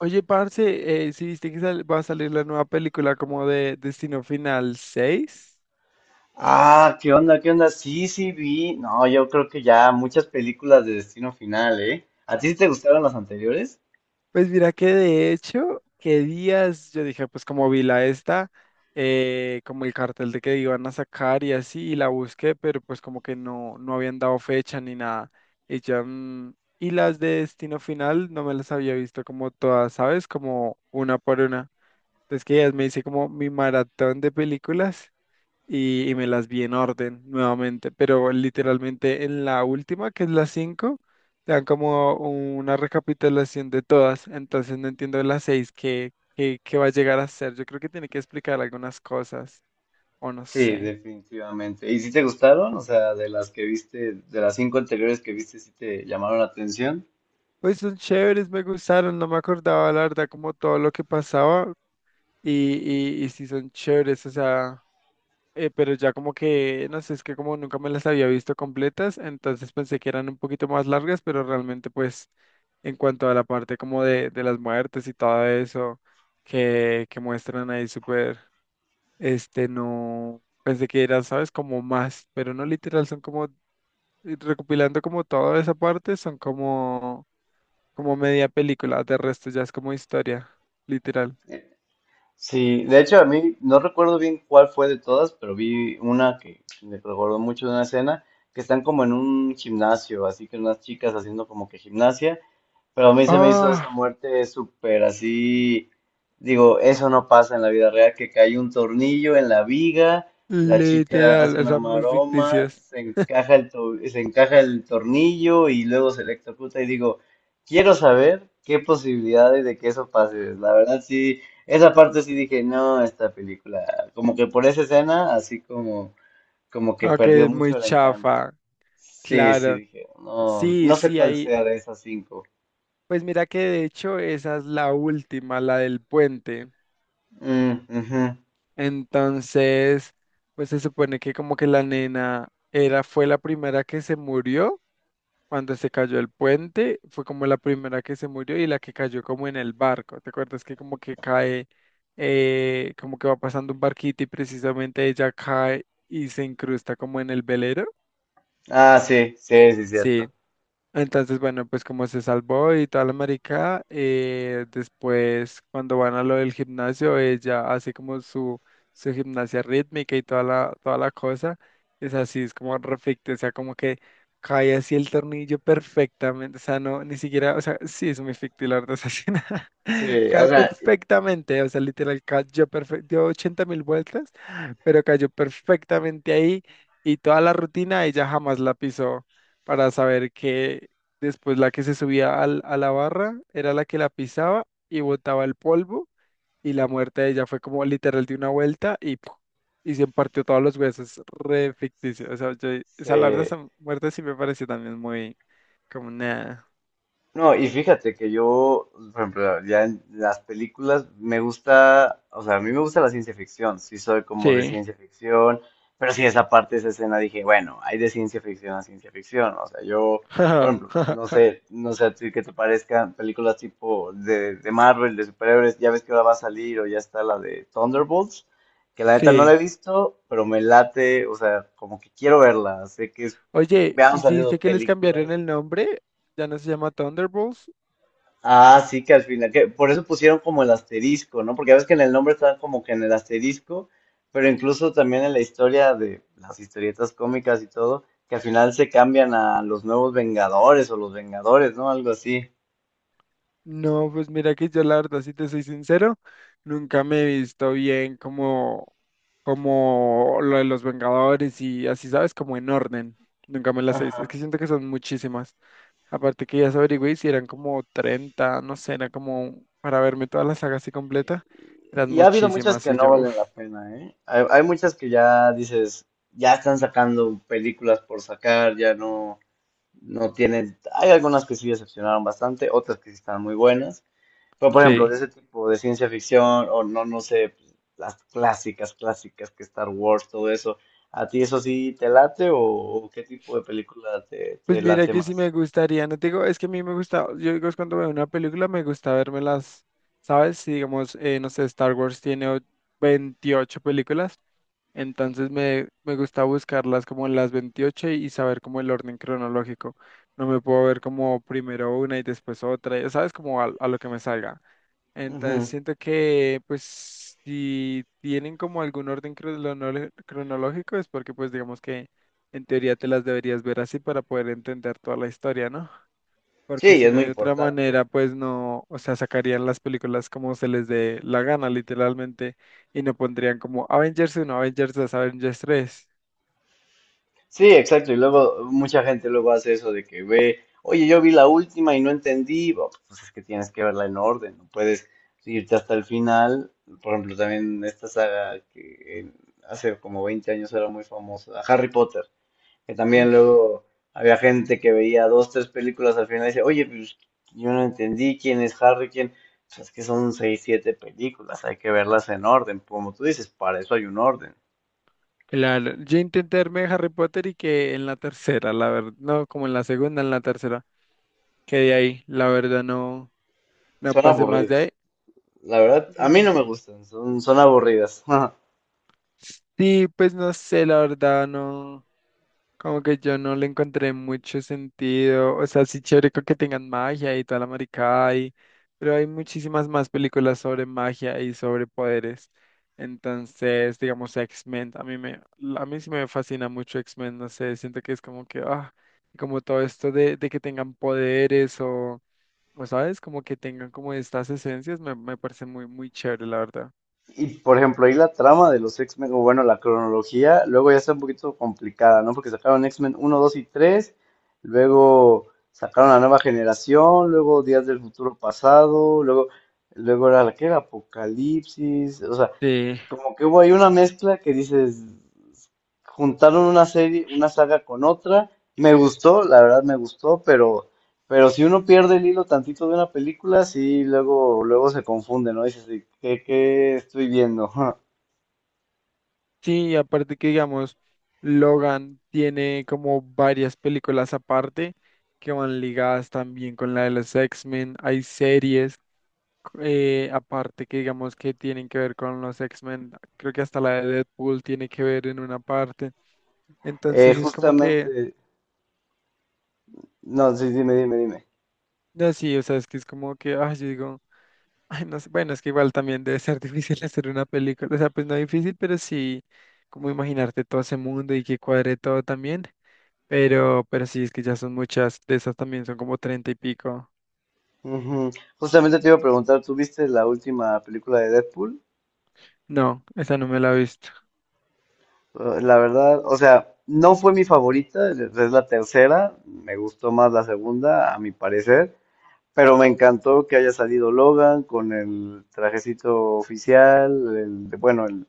Oye, parce, ¿sí viste que va a salir la nueva película como de Destino Final 6? Ah, ¿qué onda? ¿Qué onda? Sí, vi. No, yo creo que ya muchas películas de Destino Final, ¿eh? ¿A ti sí te gustaron las anteriores? Pues mira que de hecho, qué días yo dije, pues como vi la esta, como el cartel de que iban a sacar y así, y la busqué, pero pues como que no habían dado fecha ni nada. Y ya, y las de Destino Final no me las había visto como todas, ¿sabes? Como una por una. Entonces que ya me hice como mi maratón de películas. Y me las vi en orden nuevamente, pero literalmente en la última, que es la 5 te dan como una recapitulación de todas, entonces no entiendo la 6 qué va a llegar a ser. Yo creo que tiene que explicar algunas cosas, o no Sí, sé. definitivamente. ¿Y si te gustaron? O sea, de las que viste, de las cinco anteriores que viste, ¿sí te llamaron la atención? Pues son chéveres, me gustaron, no me acordaba la verdad como todo lo que pasaba y, y sí son chéveres, o sea... pero ya como que, no sé, es que como nunca me las había visto completas, entonces pensé que eran un poquito más largas, pero realmente pues en cuanto a la parte como de las muertes y todo eso que muestran ahí súper, no, pensé que era, ¿sabes? Como más, pero no literal, son como, recopilando como toda esa parte, son como, como media película, de resto ya es como historia, literal. Sí, de hecho a mí no recuerdo bien cuál fue de todas, pero vi una que me recordó mucho de una escena que están como en un gimnasio, así que unas chicas haciendo como que gimnasia. Pero a mí se me hizo esa Ah, muerte súper así. Digo, eso no pasa en la vida real, que cae un tornillo en la viga, la chica literal, hace o una sea, muy maroma, ficticias. se encaja se encaja el tornillo y luego se electrocuta. Y digo, quiero saber qué posibilidades de que eso pase. La verdad, sí, esa parte sí dije, no, esta película, como que por esa escena, así como, como que Ok, perdió es muy mucho el encanto. chafa, Sí, sí, claro. dije, no, Sí, no sé sí, cuál ahí. sea de esas cinco. Pues mira que de hecho esa es la última, la del puente. Mm, ujú. Entonces, pues se supone que como que la nena era, fue la primera que se murió cuando se cayó el puente, fue como la primera que se murió y la que cayó como en el barco. ¿Te acuerdas que como que cae, como que va pasando un barquito y precisamente ella cae y se incrusta como en el velero? Ah, sí, sí, sí, Sí. cierto. Entonces, bueno, pues como se salvó y toda la marica, después cuando van a lo del gimnasio, ella hace como su gimnasia rítmica y toda la cosa, es así, es como perfecto, o sea, como que cae así el tornillo perfectamente, o sea, no, ni siquiera, o sea, sí, es muy ficticio, la verdad, o sea, sí, nada, Sí, o cae sea, perfectamente, o sea, literal, cayó perfecto, dio 80 mil vueltas, pero cayó perfectamente ahí y toda la rutina ella jamás la pisó para saber que después la que se subía a la barra era la que la pisaba y botaba el polvo y la muerte de ella fue como literal de una vuelta y ¡puf! Y se partió todos los huesos, re ficticio. O sea, yo, esa la verdad, sí. esa muerte sí me pareció también muy como nada. No, y fíjate que yo, por ejemplo, ya en las películas me gusta, o sea, a mí me gusta la ciencia ficción, sí soy como de Sí. ciencia ficción, pero sí esa parte, esa escena dije, bueno, hay de ciencia ficción a ciencia ficción, o sea, yo, por ejemplo, no sé, no sé a ti qué te parezcan películas tipo de Marvel, de superhéroes, ya ves que ahora va a salir o ya está la de Thunderbolts, que la neta no la he Sí. visto, pero me late, o sea, como que quiero verla, sé que es, Oye, me han ¿y si dice salido que les cambiaron películas. el nombre? Ya no se llama Thunderbolts. Ah, sí, que al final, que por eso pusieron como el asterisco, ¿no? Porque ya ves que en el nombre está como que en el asterisco, pero incluso también en la historia de las historietas cómicas y todo, que al final se cambian a los nuevos Vengadores o los Vengadores, ¿no? Algo así. No, pues mira que yo la verdad, si te soy sincero, nunca me he visto bien como, como lo de los Vengadores y así, ¿sabes? Como en orden. Nunca me las he visto. Es que Ajá. siento que son muchísimas. Aparte que ya se averigüé y si eran como 30, no sé, era como para verme toda la saga así completa. Eran Y ha habido muchas muchísimas que y no yo, valen uff, la pena, ¿eh? Hay muchas que ya dices, ya están sacando películas por sacar, ya no, no tienen. Hay algunas que sí decepcionaron bastante, otras que sí están muy buenas. Pero, por ejemplo, sí. de ese tipo de ciencia ficción o no, no sé, pues, las clásicas, clásicas que Star Wars, todo eso, ¿a ti eso sí te late o qué tipo de película te, Pues te mira late que sí más? me gustaría, no te digo, es que a mí me gusta, yo digo, es cuando veo una película me gusta vérmelas, ¿sabes? Si digamos, no sé, Star Wars tiene 28 películas, entonces me gusta buscarlas como las 28 y saber como el orden cronológico. No me puedo ver como primero una y después otra, ¿sabes? Como a lo que me salga. Entonces Ujú. siento que pues si tienen como algún orden cronológico es porque pues digamos que en teoría te las deberías ver así para poder entender toda la historia, ¿no? Porque Sí, si es no muy de otra manera importante. pues no, o sea, sacarían las películas como se les dé la gana literalmente y no pondrían como Avengers uno Avengers dos Avengers tres. Sí, exacto. Y luego mucha gente luego hace eso de que ve, oye, yo vi la última y no entendí. Bueno, pues es que tienes que verla en orden, no puedes irte hasta el final. Por ejemplo, también esta saga que hace como 20 años era muy famosa, Harry Potter. Que Mm. también luego había gente que veía dos, tres películas al final y dice oye, pues yo no entendí quién es Harry, quién. Pues es que son seis, siete películas, hay que verlas en orden. Como tú dices, para eso hay un orden. Claro, yo intenté verme Harry Potter y que en la tercera, la verdad, no, como en la segunda, en la tercera, quedé ahí, la verdad no. No Son pasé más de ahí. aburridas. La verdad, a mí Mm. no me gustan, son, son aburridas. Sí, pues no sé, la verdad, no, como que yo no le encontré mucho sentido, o sea, sí chévere con que tengan magia y toda la maricada y, pero hay muchísimas más películas sobre magia y sobre poderes, entonces, digamos, X-Men, a mí sí me fascina mucho X-Men, no sé, siento que es como que, ah, como todo esto de que tengan poderes o, ¿sabes? Como que tengan como estas esencias, me parece muy chévere, la verdad. Y por ejemplo, ahí la trama de los X-Men, o bueno, la cronología, luego ya está un poquito complicada, ¿no? Porque sacaron X-Men uno 2 y tres, luego sacaron la nueva generación, luego Días del Futuro Pasado, luego, luego era la que era Apocalipsis, o sea, Sí. como que hubo ahí una mezcla que dices, juntaron una serie, una saga con otra. Me gustó, la verdad me gustó, pero si uno pierde el hilo tantito de una película, sí, luego, luego se confunde, ¿no? Dices, "¿De ¿qué, qué estoy viendo?" Sí, y aparte que digamos, Logan tiene como varias películas aparte que van ligadas también con la de los X-Men. Hay series aparte que digamos que tienen que ver con los X-Men. Creo que hasta la de Deadpool tiene que ver en una parte. Entonces es como que, justamente, no, sí, dime. no, sí, o sea, es que es como que, ay, yo digo, ay, no sé, bueno, es que igual también debe ser difícil hacer una película. O sea, pues no difícil, como imaginarte todo ese mundo y que cuadre todo también. Pero sí, es que ya son muchas. De esas también son como treinta y pico. Ujú. Justamente te iba a preguntar, ¿tú viste la última película de Deadpool? No, esa no me la he visto. La verdad, o sea, no fue mi favorita, es la tercera, me gustó más la segunda, a mi parecer. Pero me encantó que haya salido Logan con el trajecito oficial,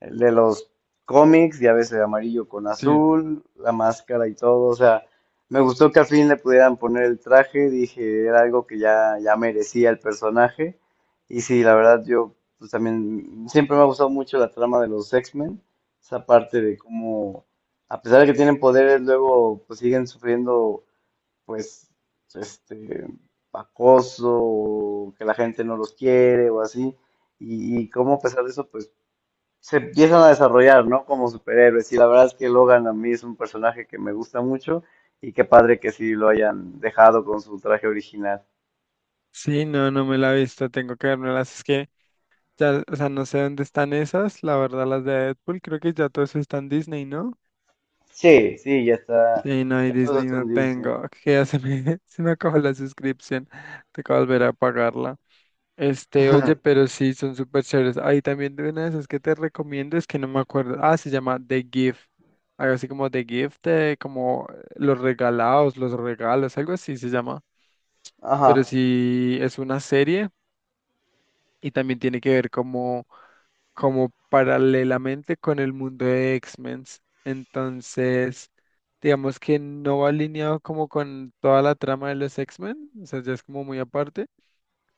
el de los cómics, ya ves, el amarillo con Sí. azul, la máscara y todo. O sea, me gustó que al fin le pudieran poner el traje, dije, era algo que ya, ya merecía el personaje. Y sí, la verdad, yo pues también siempre me ha gustado mucho la trama de los X-Men, esa parte de cómo, a pesar de que tienen poderes, luego pues siguen sufriendo pues, este, acoso, o que la gente no los quiere o así, y cómo a pesar de eso, pues, se empiezan a desarrollar, ¿no? Como superhéroes, y la verdad es que Logan a mí es un personaje que me gusta mucho, y qué padre que sí lo hayan dejado con su traje original. Sí, no, no me la he visto. Tengo que las. Es que ya, o sea, no sé dónde están esas. La verdad, las de Deadpool, creo que ya todo eso está en Disney, ¿no? Sí, sí, ya está, Sí, no, y ya todo Disney está en no Disney. tengo. Que ya se me, se me acabó la suscripción. Tengo que volver a pagarla. Este, oye, pero sí, son súper chéveres. Ahí también de una de esas que te recomiendo es que no me acuerdo. Ah, se llama The Gift. Algo así como The Gift, como los regalados, los regalos, algo así se llama. Pero Ajá, sí, es una serie y también tiene que ver como, como paralelamente con el mundo de X-Men. Entonces, digamos que no va alineado como con toda la trama de los X-Men. O sea, ya es como muy aparte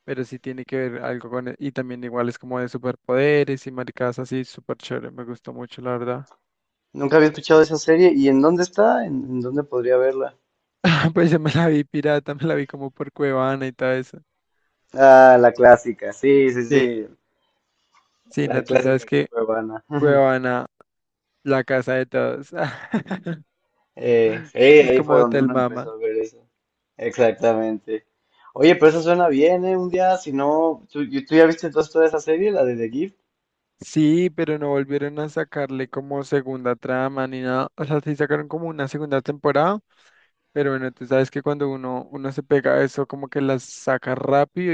pero sí tiene que ver algo con Y también igual es como de superpoderes y maricadas así, súper chévere, me gustó mucho, la verdad. nunca había escuchado esa serie. ¿Y en dónde está? En dónde podría verla? Pues ya me la vi pirata, me la vi como por Cuevana y todo eso. Ah, la clásica, sí, sí, Sí, sí, sí, la no, tú sabes clásica que cuevana. Cuevana, la casa de todos. Es ahí como fue donde Hotel uno empezó Mama. a ver eso. Exactamente. Oye, pero eso suena bien, ¿eh? Un día, si no, ¿tú, y- tú ya viste entonces toda esa serie, la de The Gift? Sí, pero no volvieron a sacarle como segunda trama ni nada. O sea, sí sacaron como una segunda temporada, pero bueno, tú sabes que cuando uno se pega a eso, como que las saca rápido.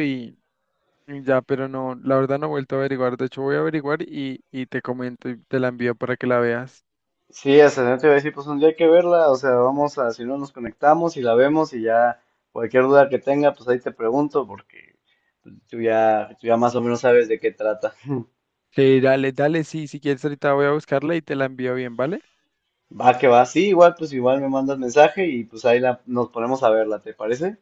Ya, pero no, la verdad no he vuelto a averiguar. De hecho, voy a averiguar y te comento y te la envío para que la veas. Sí, hasta no te iba a decir, pues un día hay que verla, o sea, vamos a, si no nos conectamos y la vemos y ya cualquier duda que tenga, pues ahí te pregunto, porque pues, tú ya más o menos sabes de qué trata. Sí, dale, dale, sí, si quieres ahorita voy a buscarla y te la envío bien, ¿vale? Va que va, sí, igual, pues igual me mandas mensaje y pues ahí la, nos ponemos a verla, ¿te parece?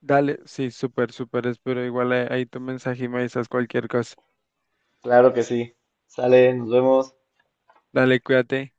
Dale, sí, súper, súper, espero igual ahí tu mensaje y me avisas cualquier cosa. Claro que sí. Sale, nos vemos. Dale, cuídate.